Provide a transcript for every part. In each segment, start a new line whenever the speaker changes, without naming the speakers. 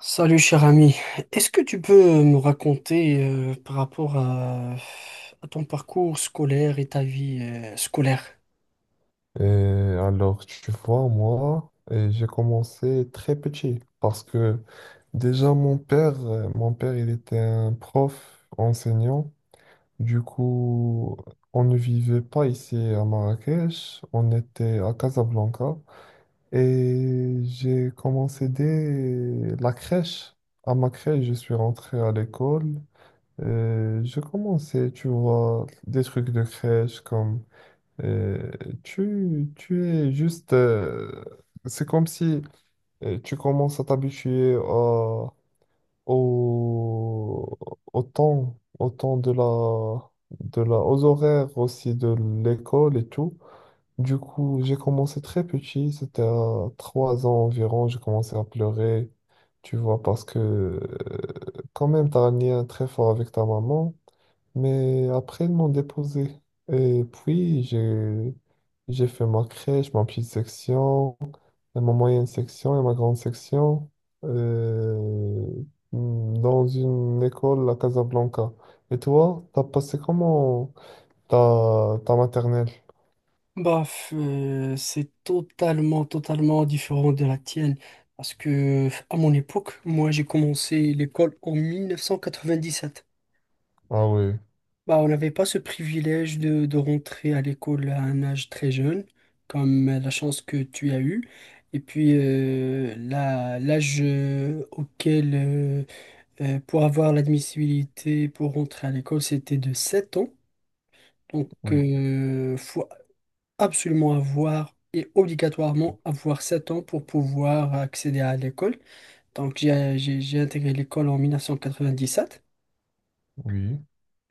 Salut cher ami, est-ce que tu peux me raconter par rapport à ton parcours scolaire et ta vie scolaire?
Et alors, tu vois, moi, j'ai commencé très petit parce que déjà mon père, il était un prof enseignant. Du coup, on ne vivait pas ici à Marrakech, on était à Casablanca et j'ai commencé dès la crèche. À ma crèche, je suis rentré à l'école. Et j'ai commencé, tu vois, des trucs de crèche comme euh, tu es juste... c'est comme si tu commences à t'habituer au, au temps de la, aux horaires aussi de l'école et tout. Du coup, j'ai commencé très petit, c'était à 3 ans environ, j'ai commencé à pleurer, tu vois, parce que quand même, tu as un lien très fort avec ta maman. Mais après, ils m'ont déposé. Et puis, j'ai fait ma crèche, ma petite section, et ma moyenne section et ma grande section euh, dans une école à Casablanca. Et toi, t'as passé comment ta maternelle?
C'est totalement différent de la tienne parce que à mon époque, moi j'ai commencé l'école en 1997.
Ah oui,
Bah, on n'avait pas ce privilège de rentrer à l'école à un âge très jeune, comme la chance que tu as eue. Et puis l'âge auquel pour avoir l'admissibilité pour rentrer à l'école, c'était de 7 ans. Donc,
oui,
il faut absolument avoir et obligatoirement avoir 7 ans pour pouvoir accéder à l'école. Donc, j'ai intégré l'école en 1997.
oui,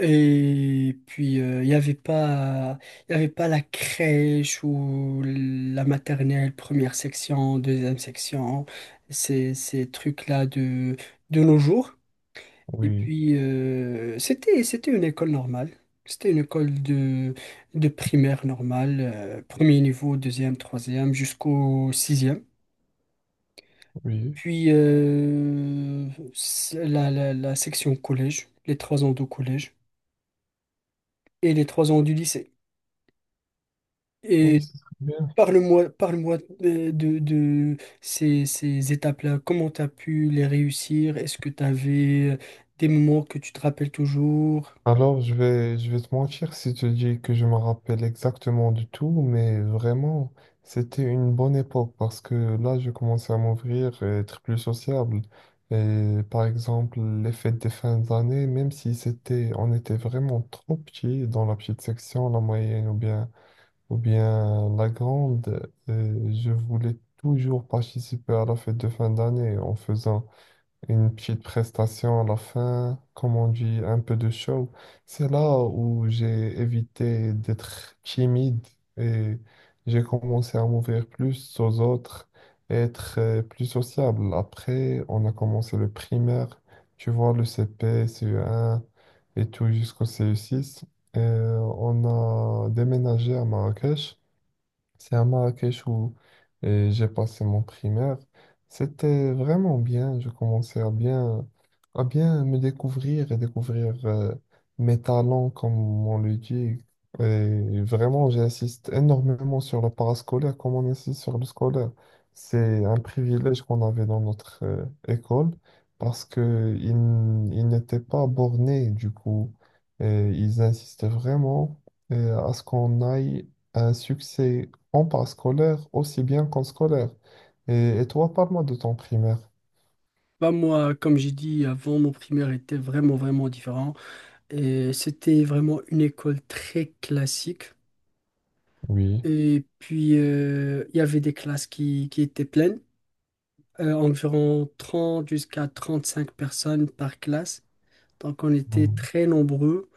Et puis, il y avait pas la crèche ou la maternelle, première section, deuxième section, ces trucs-là de nos jours. Et
oui,
puis, c'était une école normale. C'était une école de primaire normale, premier niveau, deuxième, troisième, jusqu'au sixième.
oui,
Puis, c'est la section collège, les 3 ans de collège et les 3 ans du lycée. Et
oui, c'est très bien.
parle-moi, parle-moi de ces étapes-là. Comment tu as pu les réussir? Est-ce que tu avais des moments que tu te rappelles toujours?
Alors, je vais te mentir si je te dis que je me rappelle exactement de tout, mais vraiment, c'était une bonne époque parce que là, je commençais à m'ouvrir et être plus sociable. Et par exemple, les fêtes des fins d'année, même si c'était, on était vraiment trop petits dans la petite section, la moyenne ou bien la grande, je voulais toujours participer à la fête de fin d'année en faisant une petite prestation à la fin, comme on dit, un peu de show. C'est là où j'ai évité d'être timide et j'ai commencé à m'ouvrir plus aux autres et être plus sociable. Après, on a commencé le primaire, tu vois, le CP, CE1 et tout jusqu'au CE6. Et on a déménagé à Marrakech. C'est à Marrakech où j'ai passé mon primaire. C'était vraiment bien. Je commençais à bien me découvrir et découvrir mes talents, comme on le dit. Et vraiment, j'insiste énormément sur le parascolaire, comme on insiste sur le scolaire. C'est un privilège qu'on avait dans notre école parce que ils n'étaient pas bornés, du coup. Et ils insistaient vraiment à ce qu'on aille à un succès en parascolaire aussi bien qu'en scolaire. Et toi, parle-moi de ton primaire.
Bah moi, comme j'ai dit avant, mon primaire était vraiment différent. Et c'était vraiment une école très classique.
Oui.
Et puis, il y avait des classes qui étaient pleines, environ 30 jusqu'à 35 personnes par classe. Donc, on était
Mm.
très nombreux.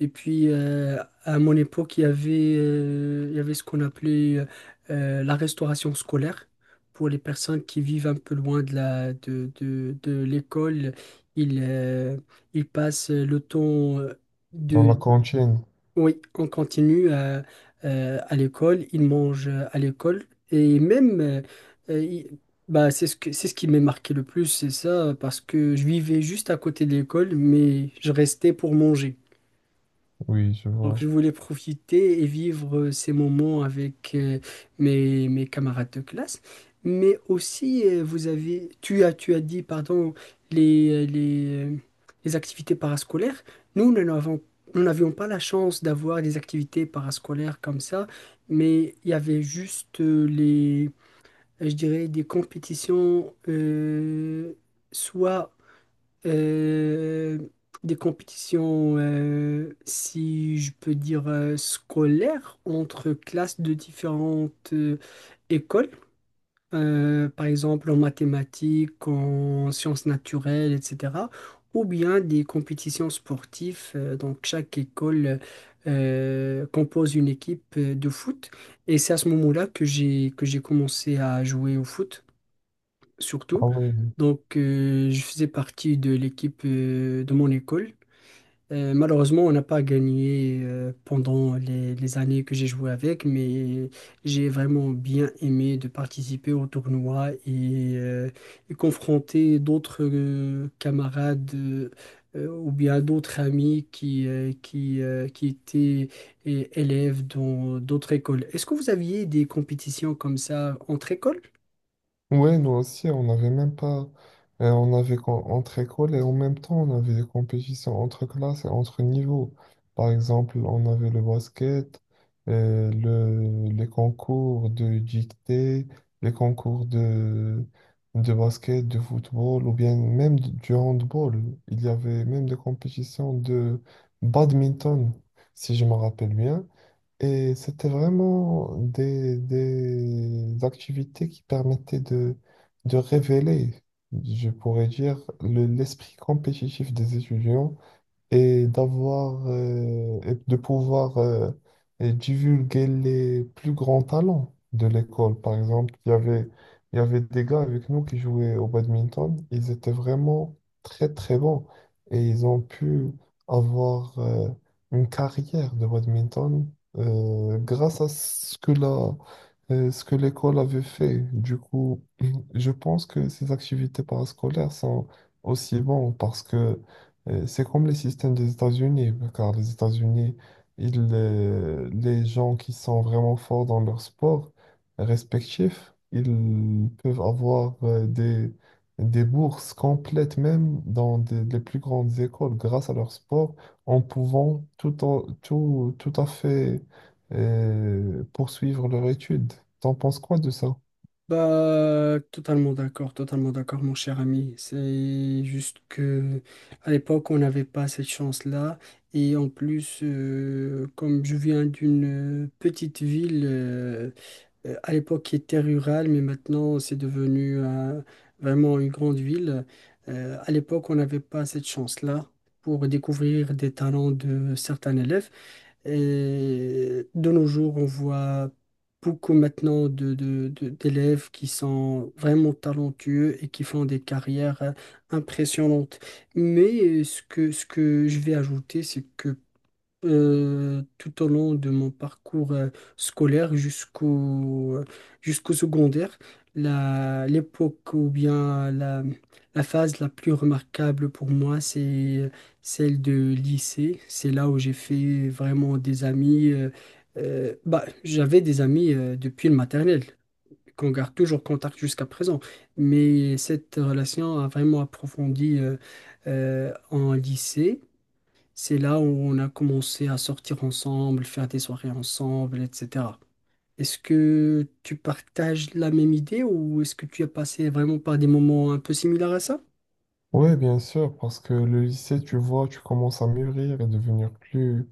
Et puis, à mon époque, il y avait ce qu'on appelait la restauration scolaire. Pour les personnes qui vivent un peu loin de de l'école, ils, euh, ils passent le temps
Dans la
de...
cantine.
Oui, on continue à l'école, ils mangent à l'école. Et même, euh, ils- bah, c'est ce qui m'a marqué le plus, c'est ça, parce que je vivais juste à côté de l'école, mais je restais pour manger.
Oui, je
Donc je
vois.
voulais profiter et vivre ces moments avec mes camarades de classe. Mais aussi, vous avez, tu as dit, pardon, les, euh, les, euh, les activités parascolaires. Nous, nous n'avons, Nous n'avions pas la chance d'avoir des activités parascolaires comme ça, mais il y avait juste je dirais, des compétitions, soit euh, des compétitions, si je peux dire, scolaires entre classes de différentes écoles, par exemple en mathématiques, en sciences naturelles, etc. Ou bien des compétitions sportives. Donc chaque école compose une équipe de foot. Et c'est à ce moment-là que j'ai commencé à jouer au foot surtout.
Ah oui. Oui.
Donc, je faisais partie de l'équipe de mon école. Malheureusement, on n'a pas gagné pendant les années que j'ai joué avec, mais j'ai vraiment bien aimé de participer au tournoi et confronter d'autres camarades ou bien d'autres amis qui étaient élèves dans d'autres écoles. Est-ce que vous aviez des compétitions comme ça entre écoles?
Ouais, nous aussi, on n'avait même pas. On avait entre écoles et en même temps, on avait des compétitions entre classes et entre niveaux. Par exemple, on avait le basket, le, les concours de dictée, les concours de basket, de football, ou bien même du handball. Il y avait même des compétitions de badminton, si je me rappelle bien. Et c'était vraiment des activités qui permettaient de révéler, je pourrais dire, l'esprit compétitif des étudiants et d'avoir et de pouvoir et divulguer les plus grands talents de l'école. Par exemple, il y avait des gars avec nous qui jouaient au badminton. Ils étaient vraiment très très bons et ils ont pu avoir une carrière de badminton grâce à ce que la ce que l'école avait fait. Du coup, je pense que ces activités parascolaires sont aussi bonnes parce que c'est comme les systèmes des États-Unis, car les États-Unis, les gens qui sont vraiment forts dans leur sport respectif, ils peuvent avoir des bourses complètes même dans les plus grandes écoles grâce à leur sport, en pouvant tout, tout, tout à fait poursuivre leur étude. T'en penses quoi de ça?
Bah, totalement d'accord, mon cher ami. C'est juste que à l'époque, on n'avait pas cette chance-là. Et en plus, comme je viens d'une petite ville, à l'époque qui était rurale, mais maintenant c'est devenu vraiment une grande ville. À l'époque, on n'avait pas cette chance-là pour découvrir des talents de certains élèves. Et de nos jours, on voit beaucoup maintenant d'élèves qui sont vraiment talentueux et qui font des carrières impressionnantes. Mais ce que je vais ajouter, c'est que tout au long de mon parcours scolaire jusqu'au secondaire. L'époque ou bien la phase la plus remarquable pour moi, c'est celle de lycée. C'est là où j'ai fait vraiment des amis. Bah, j'avais des amis depuis le maternel, qu'on garde toujours contact jusqu'à présent. Mais cette relation a vraiment approfondi en lycée. C'est là où on a commencé à sortir ensemble, faire des soirées ensemble, etc. Est-ce que tu partages la même idée ou est-ce que tu as passé vraiment par des moments un peu similaires à ça?
Oui, bien sûr, parce que le lycée, tu vois, tu commences à mûrir et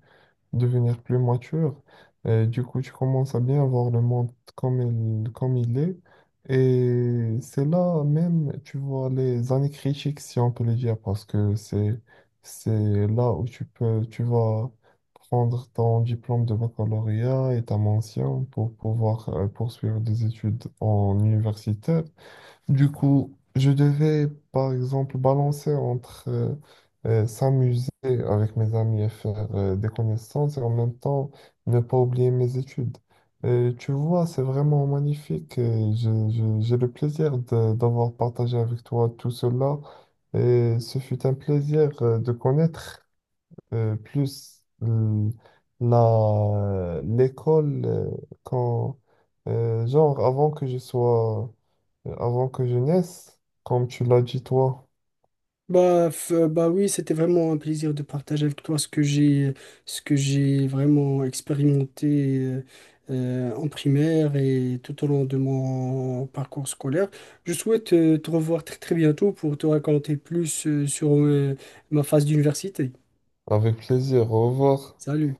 devenir plus mature. Du coup, tu commences à bien voir le monde comme il est. Et c'est là même, tu vois, les années critiques, si on peut le dire, parce que c'est là où tu peux, tu vas prendre ton diplôme de baccalauréat et ta mention pour pouvoir poursuivre des études en université. Du coup, je devais, par exemple, balancer entre s'amuser avec mes amis et faire des connaissances et en même temps ne pas oublier mes études. Et tu vois, c'est vraiment magnifique et j'ai le plaisir d'avoir partagé avec toi tout cela. Et ce fut un plaisir de connaître plus la, l'école quand, genre, avant que je sois avant que je naisse, comme tu l'as dit toi,
Bah oui, c'était vraiment un plaisir de partager avec toi ce que j'ai vraiment expérimenté en primaire et tout au long de mon parcours scolaire. Je souhaite te revoir très très bientôt pour te raconter plus sur ma phase d'université.
avec plaisir, au revoir.
Salut.